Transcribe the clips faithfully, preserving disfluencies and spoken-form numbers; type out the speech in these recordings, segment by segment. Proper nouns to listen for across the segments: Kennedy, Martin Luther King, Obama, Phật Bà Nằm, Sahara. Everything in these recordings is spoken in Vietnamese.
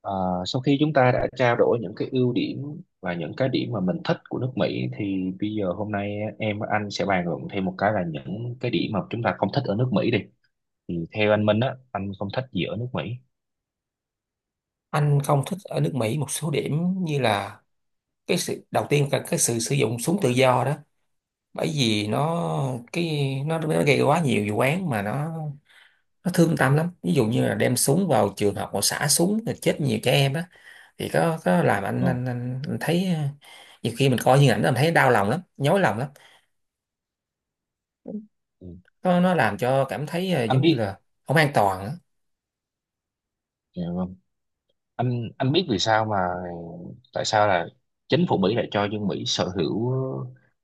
Ờ, sau khi chúng ta đã trao đổi những cái ưu điểm và những cái điểm mà mình thích của nước Mỹ thì bây giờ hôm nay em và anh sẽ bàn luận thêm một cái là những cái điểm mà chúng ta không thích ở nước Mỹ đi. Thì theo anh Minh á, anh không thích gì ở nước Mỹ. Anh không thích ở nước Mỹ một số điểm như là cái sự đầu tiên là cái sự sử dụng súng tự do đó, bởi vì nó cái nó, nó gây quá nhiều vụ án mà nó nó thương tâm lắm, ví dụ như là đem súng vào trường học mà xả súng rồi chết nhiều trẻ em á. Thì có có làm anh Vâng. anh, anh, anh thấy ờ, nhiều khi mình coi như ảnh đó, mình thấy đau lòng lắm, nhói lòng lắm, Ừ. nó nó làm cho cảm thấy ờ, Anh giống như biết. là không an toàn á. Dạ vâng. anh anh biết vì sao mà tại sao là chính phủ Mỹ lại cho dân Mỹ sở hữu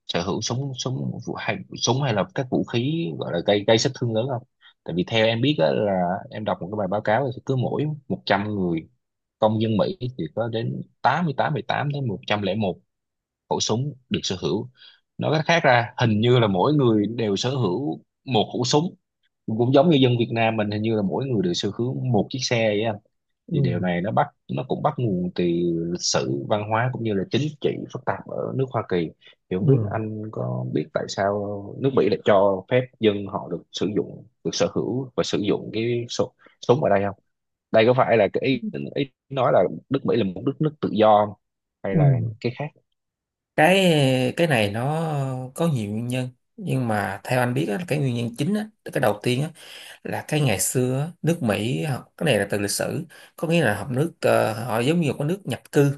sở hữu súng súng vũ- hay súng hay là các vũ khí gọi là gây gây sát thương lớn không? Tại vì theo em biết á, là em đọc một cái bài báo cáo thì cứ mỗi một trăm người công dân Mỹ thì có đến 88 tám đến một trăm lẻ một khẩu súng được sở hữu. Nói cách khác ra hình như là mỗi người đều sở hữu một khẩu súng, cũng giống như dân Việt Nam mình hình như là mỗi người đều sở hữu một chiếc xe vậy. Ừ, Thì điều này nó bắt nó cũng bắt nguồn từ lịch sử văn hóa cũng như là chính trị phức tạp ở nước Hoa Kỳ. Thì không biết ừ, anh có biết tại sao nước Mỹ lại cho phép dân họ được sử dụng được sở hữu và sử dụng cái súng súng ở đây không? Đây có phải là cái ý, ý nói là nước Mỹ là một đất nước tự do không? Hay ừ. là cái khác. cái cái này nó có nhiều nguyên nhân, nhưng mà theo anh biết á, cái nguyên nhân chính á, cái đầu tiên á, là cái ngày xưa á, nước Mỹ họ- cái này là từ lịch sử, có nghĩa là họ nước ờ, họ giống như một cái nước nhập cư,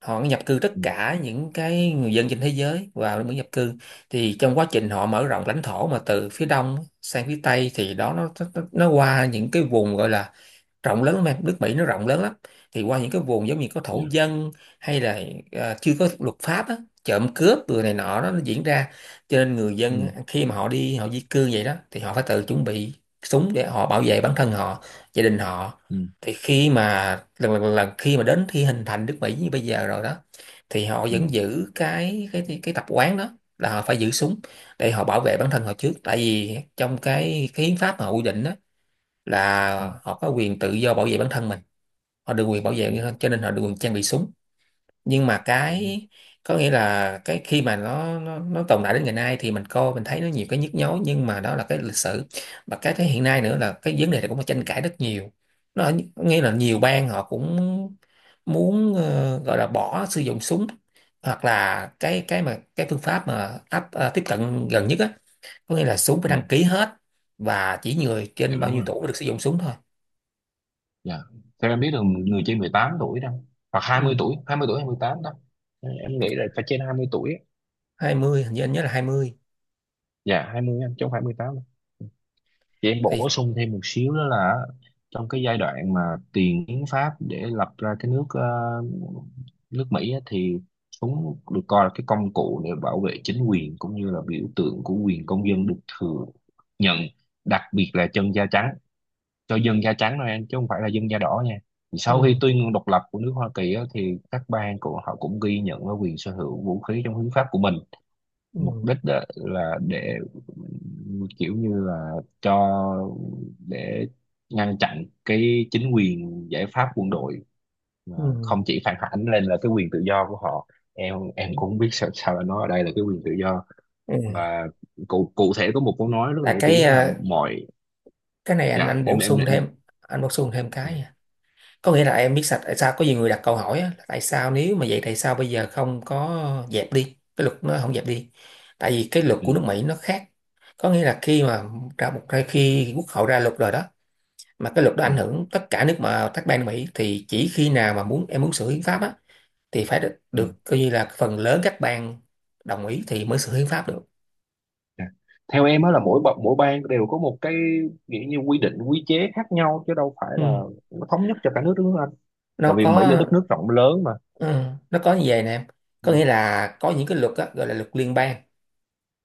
họ nhập cư tất ừ, cả những cái người dân trên thế giới vào nước nhập cư. Thì trong quá trình họ mở rộng lãnh thổ mà từ phía đông sang phía tây thì đó nó nó, nó qua những cái vùng gọi là rộng lớn lắm em, nước Mỹ nó rộng lớn lắm, thì qua những cái vùng giống như có thổ dạ. dân hay là à, chưa có luật pháp á, trộm cướp rồi này nọ đó, nó diễn ra. Cho nên người ừ, dân khi mà họ đi họ di cư vậy đó thì họ phải tự chuẩn bị súng để họ bảo vệ bản thân họ, gia đình họ. ừ, Thì khi mà lần lần, lần khi mà đến khi hình thành nước Mỹ như bây giờ rồi đó thì họ ừ, vẫn giữ cái cái cái tập quán đó, là họ phải giữ súng để họ bảo vệ bản thân họ trước, tại vì trong cái cái hiến pháp mà họ quy định đó ừ, ừ, là họ có quyền tự do bảo vệ bản thân mình. Họ được quyền bảo vệ ừ, như thế, cho nên họ được quyền trang bị súng. Nhưng mà đúng. cái, có nghĩa là cái khi mà nó nó, nó tồn tại đến ngày nay thì mình coi mình thấy nó nhiều cái nhức nhối, nhưng mà đó là cái lịch sử. Và cái thế hiện nay nữa là cái vấn đề này cũng có tranh cãi rất nhiều, nó ở- nghĩa là nhiều bang họ cũng muốn ờ, gọi là bỏ sử dụng súng, hoặc là cái cái mà cái phương pháp mà áp ờ, tiếp cận gần nhất á, có nghĩa là súng phải ừ, đăng ký hết, và chỉ người dạ trên bao đúng nhiêu rồi. tuổi mới được sử dụng súng thôi. Dạ. Theo em biết là người trên mười tám tuổi đâu, hoặc hai mươi Ừ. tuổi hai mươi tuổi hai mươi tám đó. Em nghĩ là phải trên hai mươi tuổi á. Hai mươi, hình như anh nhớ là hai mươi. Dạ hai mươi em trong hai mươi tám. Chị em bổ Thì, sung thêm một xíu đó là trong cái giai đoạn mà tiền hiến pháp để lập ra cái nước ờ, nước Mỹ á, thì súng được coi là cái công cụ để bảo vệ chính quyền cũng như là biểu tượng của quyền công dân được thừa nhận, đặc biệt là chân da trắng, cho dân da trắng thôi em, chứ không phải là dân da đỏ nha. Thì sau khi ừ, tuyên ngôn độc lập của nước Hoa Kỳ á, thì các bang của họ cũng ghi nhận cái quyền sở hữu vũ khí trong hiến pháp của mình. Mục ừ, đích á, là để kiểu như là cho để ngăn chặn cái chính quyền giải pháp quân đội mà ừ, không chỉ phản ánh lên là cái quyền tự do của họ. em em ừ. cũng không biết sao, sao là nó ở đây là cái quyền tự do, Ừ. và cụ cụ thể có một câu nói rất là Là nổi cái tiếng là à, mọi— cái này anh dạ anh em bổ em, sung em. thêm, anh bổ sung thêm Dạ. cái nha. Có nghĩa là em biết sạch tại sao có nhiều người đặt câu hỏi á, là tại sao nếu mà vậy tại sao bây giờ không có dẹp đi, cái luật nó không dẹp đi, tại vì cái luật ừ, của nước Mỹ nó khác. Có nghĩa là khi mà ra một khi quốc hội ra luật rồi đó, mà cái luật đó ừ, ảnh hưởng tất cả nước mà các bang Mỹ, thì chỉ khi nào mà muốn em muốn sửa hiến pháp á thì phải được, ừ. được coi như là phần lớn các bang đồng ý thì mới sửa hiến pháp được. Dạ. Theo em á là mỗi bậc mỗi bang đều có một cái nghĩa như quy định quy chế khác nhau, chứ đâu phải là Ừ, nó thống nhất cho cả nước đúng không anh? Tại nó vì Mỹ có. là đất nước rộng lớn mà. Ừ, nó có như vậy nè em, Ừ. có nghĩa là có những cái luật á, gọi là luật liên bang,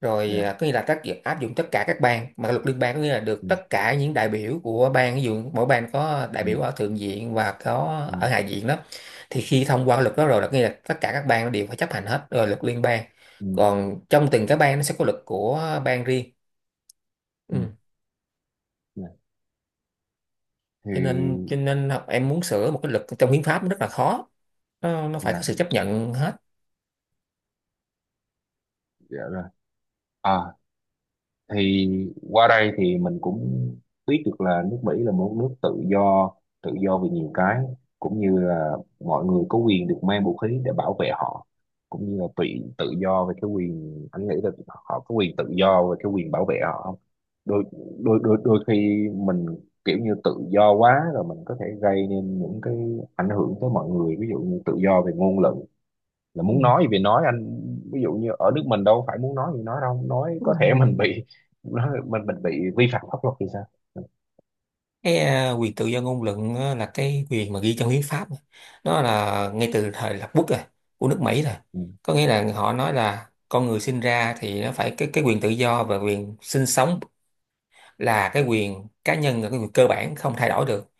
rồi Dạ. à, có nghĩa là tác dụng áp dụng tất cả các bang, mà luật liên bang có nghĩa là được Ừ. tất cả những đại biểu của bang, ví dụ mỗi bang có đại Ừ. biểu ở thượng viện và có Ừ. ở hạ viện đó, thì khi thông qua luật đó rồi là có nghĩa là tất cả các bang đều phải chấp hành hết rồi, luật liên bang. Ừ. Còn trong từng cái bang nó sẽ có luật của bang riêng. Ừ. Ừ. Dạ. Thì Cho nên cho nên là em muốn sửa một cái luật trong hiến pháp nó rất là khó, nó, nó phải dạ có sự chấp nhận hết. dạ rồi. À thì qua đây thì mình cũng biết được là nước Mỹ là một nước tự do, tự do về nhiều cái, cũng như là mọi người có quyền được mang vũ khí để bảo vệ họ, cũng như là tự tự do về cái quyền. Anh nghĩ là họ có quyền tự do về cái quyền bảo vệ họ không? Đôi đôi đôi Đôi khi mình kiểu như tự do quá rồi mình có thể gây nên những cái ảnh hưởng tới mọi người, ví dụ như tự do về ngôn luận là muốn Ừ. nói thì nói anh. Ví dụ như ở nước mình đâu phải muốn nói thì nói đâu, nói có thể Ừ. mình bị nói, mình mình bị vi phạm pháp luật thì sao. ừ, Cái à, quyền tự do ngôn luận á, là cái quyền mà ghi trong hiến pháp mà. Nó là ngay từ thời lập quốc rồi, của nước Mỹ rồi. ừ, Có nghĩa là họ nói là con người sinh ra thì nó phải cái cái quyền tự do và quyền sinh sống, là cái quyền cá nhân, là cái quyền cơ bản không thay đổi được.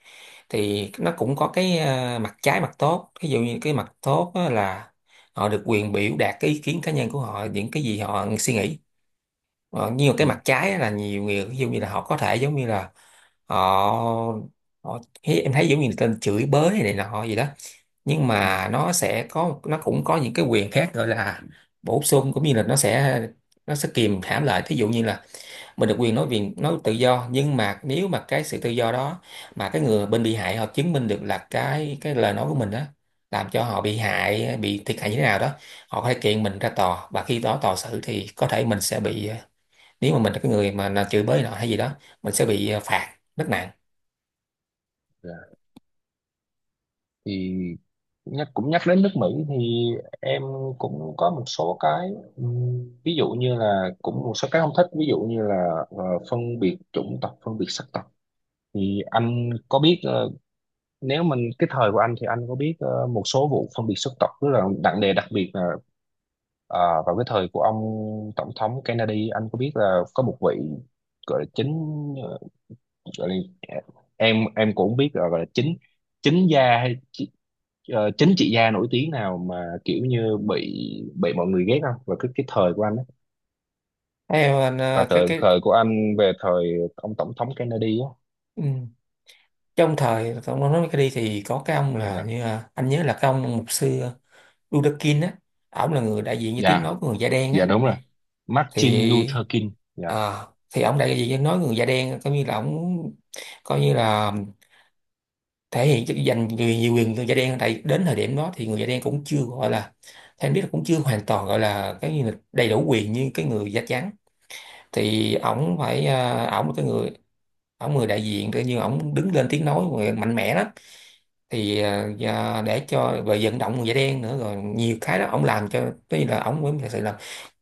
Thì nó cũng có cái ờ, mặt trái mặt tốt, ví dụ như cái mặt tốt á là họ được quyền biểu đạt cái ý kiến cá nhân của họ, những cái gì họ suy nghĩ. ờ, nhưng mà cái ừ. mặt trái á là nhiều người ví dụ như là họ có thể giống như là họ, họ thấy- em thấy giống như người ta chửi bới này, này nọ gì đó, nhưng ừ. mà nó sẽ có nó cũng có những cái quyền khác gọi là bổ sung, cũng như là nó sẽ nó sẽ kìm hãm lại. Thí dụ như là mình được quyền nói, quyền nói tự do, nhưng mà nếu mà cái sự tự do đó mà cái người bên bị hại họ chứng minh được là cái cái lời nói của mình đó làm cho họ bị hại, bị thiệt hại như thế nào đó, họ có thể kiện mình ra tòa, và khi đó tòa xử thì có thể mình sẽ bị, nếu mà mình là cái người mà là chửi bới nọ hay gì đó, mình sẽ bị ờ, phạt rất nặng. Dạ. Thì nhắc cũng nhắc đến nước Mỹ thì em cũng có một số cái, ừm, ví dụ như là cũng một số cái không thích, ví dụ như là ờ, phân biệt chủng tộc phân biệt sắc tộc. Thì anh có biết ờ, nếu mình cái thời của anh, thì anh có biết ờ, một số vụ phân biệt sắc tộc tức là nặng nề, đặc biệt là Ờ, vào cái thời của ông tổng thống Kennedy. Anh có biết là có một vị gọi là chính gọi là, em em cũng không biết là gọi là chính chính gia hay chị- ờ, chính trị gia nổi tiếng nào mà kiểu như bị bị mọi người ghét không, và cái cái thời của anh á, Theo anh và ờ, cái thời cái thời của anh về thời ông tổng thống Kennedy á. ừ, trong thời ông nói cái đi thì có cái ông là Dạ như là- anh nhớ là cái ông mục sư Ludakin á, ổng là người đại diện cho tiếng dạ nói của người da đen Dạ á. đúng rồi. Thì Martin Luther King. Dạ à, thì ông đại diện nói người da đen coi như là ông, coi như là thể hiện chức dành nhiều, nhiều quyền người da đen, tại đến thời điểm đó thì người da đen cũng chưa gọi là, theo em biết là cũng chưa hoàn toàn gọi là cái như là đầy đủ quyền như cái người da trắng. Thì ổng phải à, ổng là cái người, ổng người đại diện tự nhiên ổng đứng lên tiếng nói người mạnh mẽ lắm. Thì à, và để cho về vận động người da đen nữa rồi nhiều cái đó ổng làm cho cái như là ổng mới thật sự là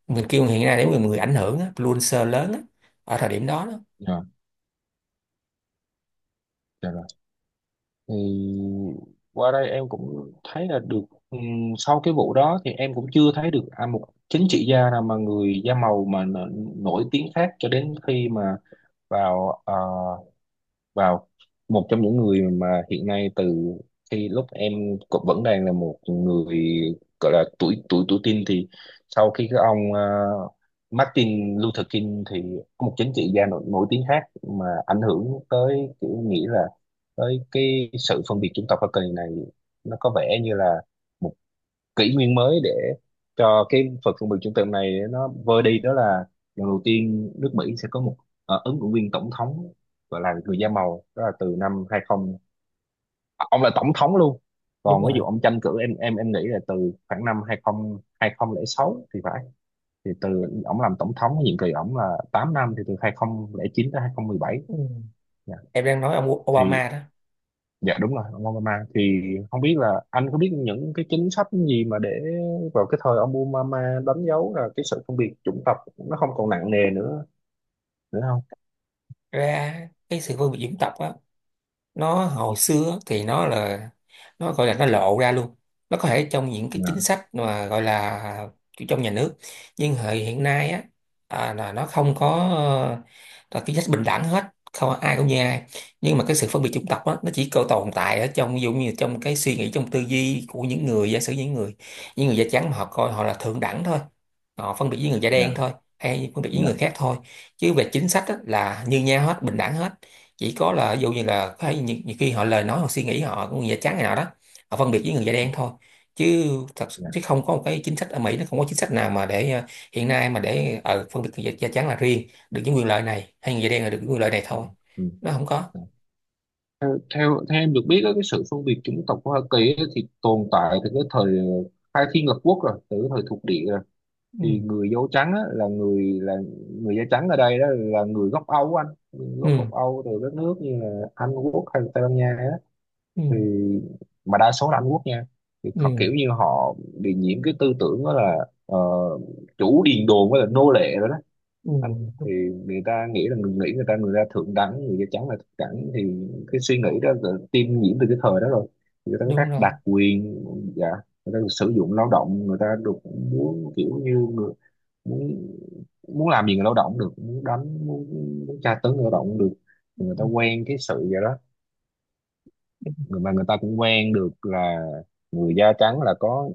mình kêu hiện nay để người người ảnh hưởng á, influencer lớn á, ở thời điểm đó đó. dạ Dạ rồi. Thì qua đây em cũng thấy là được, ừm, sau cái vụ đó thì em cũng chưa thấy được à, một chính trị gia nào mà người da màu mà n- nổi tiếng khác, cho đến khi mà vào ờ, vào một trong những người mà hiện nay, từ khi lúc em cũng vẫn đang là một người gọi là tuổi tuổi tuổi teen, thì sau khi cái ông ờ, Martin Luther King, thì có một chính trị gia nổi, nổi tiếng khác mà ảnh hưởng tới kiểu nghĩ là tới cái sự phân biệt chủng tộc ở kỳ này, nó có vẻ như là kỷ nguyên mới để cho cái phần phân biệt trung tâm này nó vơi đi. Đó là lần đầu tiên nước Mỹ sẽ có một ờ, ứng cử viên tổng thống gọi là người da màu, đó là từ năm hai mươi, ông là tổng thống luôn, Đúng còn ví rồi. dụ ông tranh cử em em em nghĩ là từ khoảng năm hai mươi hai nghìn không trăm lẻ sáu thì phải. Thì từ ông làm tổng thống nhiệm kỳ ông là tám năm thì từ hai không không chín tới hai không một bảy. Ừ. Dạ. Em đang nói ông Thì Obama đó. dạ đúng rồi, ông Obama thì không biết là anh có biết những cái chính sách gì mà để vào cái thời ông Obama đánh dấu là cái sự phân biệt chủng tộc nó không còn nặng nề nữa nữa không? Ra cái sự phân biệt dân tộc á, nó hồi xưa thì nó là, nó gọi là nó lộ ra luôn, nó có thể trong những cái chính Dạ, sách mà gọi là kiểu trong nhà nước, nhưng hệ hiện nay á, à, là nó không có, ờ, là chính sách bình đẳng hết, không ai cũng như ai. Nhưng mà cái sự phân biệt chủng tộc á nó chỉ có tồn tại ở trong ví dụ như trong cái suy nghĩ, trong tư duy của những người, giả sử những người, những người da trắng mà họ coi họ là thượng đẳng thôi, họ phân biệt với người da dạ, đen thôi, hay phân biệt với người dạ, khác thôi. Chứ về chính sách á, là như nhau hết, bình đẳng hết. Chỉ có là ví dụ như là có thể nhiều, nhiều khi họ lời nói hoặc suy nghĩ họ của người da trắng này nọ đó, họ phân biệt với người da đen thôi. Chứ thật dạ. chứ không có một cái chính sách ở Mỹ, nó không có chính sách nào mà để ờ, hiện nay mà để ờ, phân biệt người da, da trắng là riêng được những quyền lợi này, hay người da đen là được những quyền lợi này ừ, thôi. ừ, Nó không có. dạ. Theo, theo theo em được biết á, cái sự phân biệt chủng tộc của Hoa Kỳ á thì tồn tại từ cái thời ờ, khai thiên lập quốc rồi, từ cái thời thuộc địa rồi. Ừ. Thì người da trắng á, là người là người da trắng ở đây đó là người gốc Âu á anh, gốc Ừ. gốc Âu từ các nước như là Anh Quốc hay là Tây Ban Nha á, Ừ. thì mà đa số là Anh Quốc nha. Thì họ Ừ, kiểu như họ bị nhiễm cái tư tưởng đó là ờ, chủ điền đồn với là nô lệ rồi đó ừ. anh, thì Đúng, người ta nghĩ là người nghĩ người ta người ta thượng đẳng, người da trắng là thượng đẳng, thì cái suy nghĩ đó là tiêm nhiễm từ cái thời đó rồi. Thì người ta có các đúng rồi. đặc quyền. Dạ. Người ta được sử dụng lao động, người ta được muốn kiểu như người- muốn muốn làm gì người lao động được, muốn đánh muốn, muốn tra tấn người lao động được, thì người ta Ừ. quen cái sự vậy đó. Đúng, người mà Người ta cũng quen được là người da trắng là có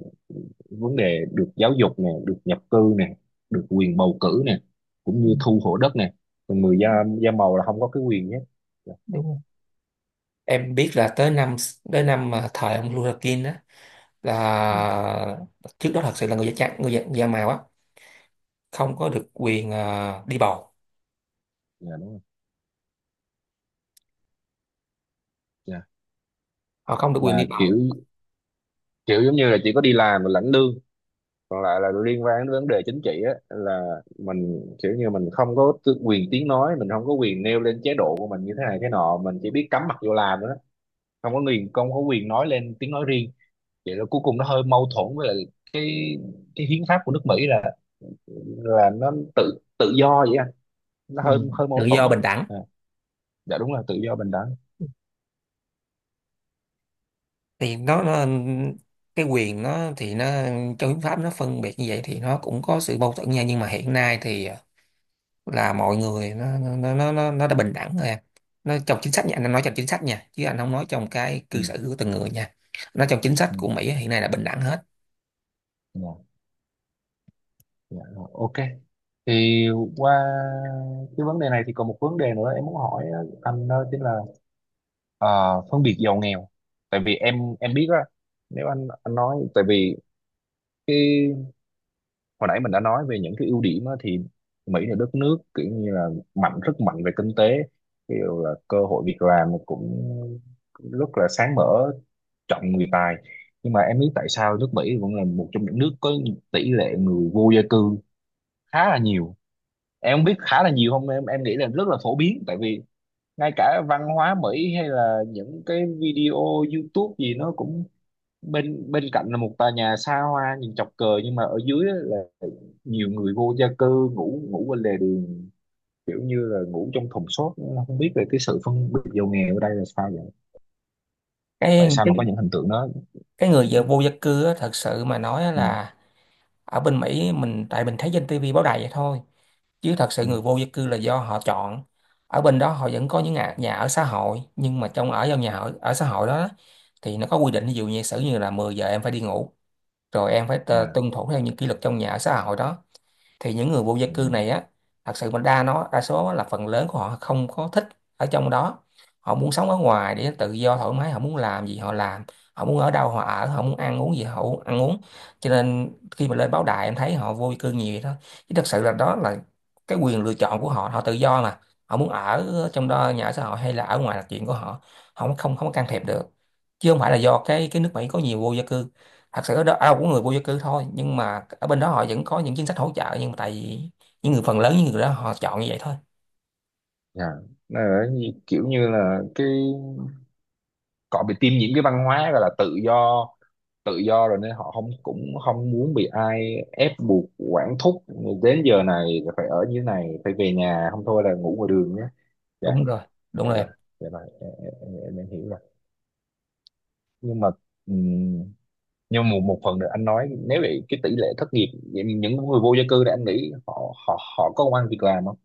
vấn đề được giáo dục nè, được nhập cư nè, được quyền bầu cử nè, cũng ừ, như thu hộ đất nè, còn người da da màu là không có cái quyền nhé. Dạ. đúng rồi. Em biết là tới năm tới năm mà thời ông Luther King đó, ừ, là trước đó thật sự là người da trắng, người da, da màu á không có được quyền ờ, đi bầu, dạ, đúng rồi. Dạ họ không được quyền là đi bầu. kiểu, kiểu giống như là chỉ có đi làm và lãnh lương, còn lại là liên quan đến vấn đề chính trị á, là mình kiểu như mình không có tư- quyền tiếng nói, mình không có quyền nêu lên chế độ của mình như thế này thế nọ, mình chỉ biết cắm mặt vô làm thôi đó, không có quyền không có quyền nói lên tiếng nói riêng. Vậy là cuối cùng nó hơi mâu thuẫn với lại cái cái hiến pháp của nước Mỹ là là nó tự tự do vậy anh, nó Ừ. hơi hơi Tự mâu do thuẫn. bình đẳng. À, dạ đúng là tự do bình đẳng. Thì nó, nó cái quyền nó thì nó trong hiến pháp nó phân biệt như vậy thì nó cũng có sự mâu thuẫn nha, nhưng mà hiện nay thì ờ, là mọi người nó nó nó nó, nó đã bình đẳng rồi em. Nó trong chính sách nha, anh nói trong chính sách nha, chứ anh không nói trong cái ừ, cư xử của từng người nha. Nó trong chính sách ừ, của Mỹ hiện nay là bình đẳng hết. dạ, dạ, rồi, ok. Thì qua cái vấn đề này thì còn một vấn đề nữa em muốn hỏi anh, đó chính là ờ, phân biệt giàu nghèo. Tại vì em em biết á, nếu anh anh nói tại vì hồi nãy mình đã nói về những cái ưu điểm á, thì Mỹ là đất nước kiểu như là mạnh, rất mạnh về kinh tế, ví dụ là cơ hội việc làm cũng rất là sáng mở, trọng người tài, nhưng mà em biết tại sao nước Mỹ vẫn là một trong những nước có tỷ lệ người vô gia cư khá là nhiều. Em không biết khá là nhiều không em em nghĩ là rất là phổ biến, tại vì ngay cả văn hóa Mỹ hay là những cái video YouTube gì nó cũng, bên bên cạnh là một tòa nhà xa hoa nhìn chọc cờ, nhưng mà ở dưới á là nhiều người vô gia cư ngủ ngủ bên lề đường, kiểu như là ngủ trong thùng xốp. Nó không biết về cái sự phân biệt giàu nghèo ở đây là sao vậy, tại cái sao cái, mà có những hình tượng đó. cái ừ, người vô gia cư á, thật sự mà nói ừ, là ở bên Mỹ mình, tại mình thấy trên ti vi báo đài vậy thôi, chứ thật sự ừ, người vô gia cư là do họ chọn. Ở bên đó họ vẫn có những nhà, nhà ở xã hội, nhưng mà trong ở trong nhà ở, ở xã hội đó thì nó có quy định ví dụ như sử như là mười giờ em phải đi ngủ, rồi em phải tơ- dạ, tuân thủ theo những kỷ luật trong nhà ở xã hội đó. Thì những người vô gia dạ, cư này á, thật sự mình đa nó đa số là phần lớn của họ không có thích ở trong đó, họ muốn sống ở ngoài để tự do thoải mái, họ muốn làm gì họ làm, họ muốn ở đâu họ ở, họ muốn ăn uống gì họ u- ăn uống. Cho nên khi mà lên báo đài em thấy họ vô gia cư nhiều vậy đó, chứ thật sự là đó là cái quyền lựa chọn của họ, họ tự do mà, họ muốn ở trong đó nhà ở xã hội hay là ở ngoài là chuyện của họ, họ không không không có can thiệp được. Chứ không phải là do cái cái nước Mỹ có nhiều vô gia cư. Thật sự ở đó ai cũng người vô gia cư thôi, nhưng mà ở bên đó họ vẫn có những chính sách hỗ trợ, nhưng mà tại vì những người phần lớn những người đó họ chọn như vậy thôi. dạ. Nó ở như- kiểu như là cái họ bị tiêm nhiễm cái văn hóa gọi là tự do, tự do rồi nên họ không cũng không muốn bị ai ép buộc quản thúc đến giờ này là phải ở như thế này, phải về nhà không thôi là ngủ ngoài đường nhé. Dạ. Đúng rồi. Đúng dạ rồi rồi em. dạ rồi em, em, em em hiểu rồi, nhưng mà ừm, nhưng mà một phần nữa anh nói nếu vậy cái tỷ lệ thất nghiệp, vậy những người vô gia cư thì anh nghĩ họ họ họ có công ăn việc làm không?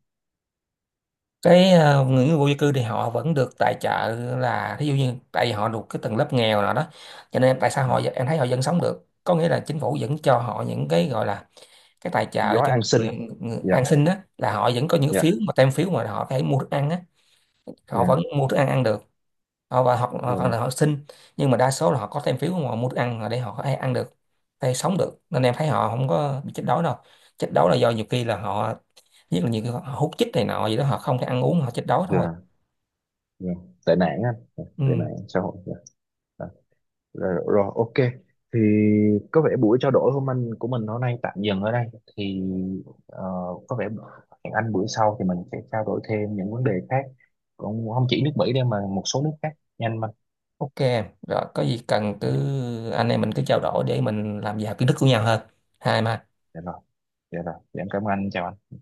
Cái ờ, người người vô gia cư thì họ vẫn được tài trợ, là thí dụ như tại vì họ thuộc cái tầng lớp nghèo nào đó, cho nên tại sao họ Dạ em thấy họ vẫn sống được, có nghĩa là chính phủ vẫn cho họ những cái gọi là cái tài trợ gói cho an người, sinh. người Dạ ăn xin á, là họ vẫn có những phiếu dạ mà tem phiếu mà họ phải mua thức ăn á. Họ vẫn dạ mua thức ăn ăn được, họ và hoặc Dạ hoặc rồi, là họ xin, nhưng mà đa số là họ có thêm phiếu mà họ mua thức ăn để họ có thể ăn được hay sống được, nên em thấy họ không có bị chết đói đâu. Chết đói là do nhiều khi là họ, nhất là nhiều khi họ hút chích này nọ gì đó, họ không thể ăn uống, họ chết đói thôi. dạ dạ tệ nạn á, dạ, Ừ. tệ nạn xã hội dạ dạ. Rồi, rồi ok, thì có vẻ buổi trao đổi hôm anh của mình hôm nay tạm dừng ở đây. Thì ờ, có vẻ hẹn anh bữa sau thì mình sẽ trao đổi thêm những vấn đề khác, cũng không chỉ nước Mỹ đâu mà một số nước khác nhanh mà. OK em. Rồi có gì cần cứ anh em mình cứ trao đổi để mình làm giàu kiến thức của nhau hơn, hai mà. dạ rồi dạ rồi dạ em cảm ơn anh chào anh.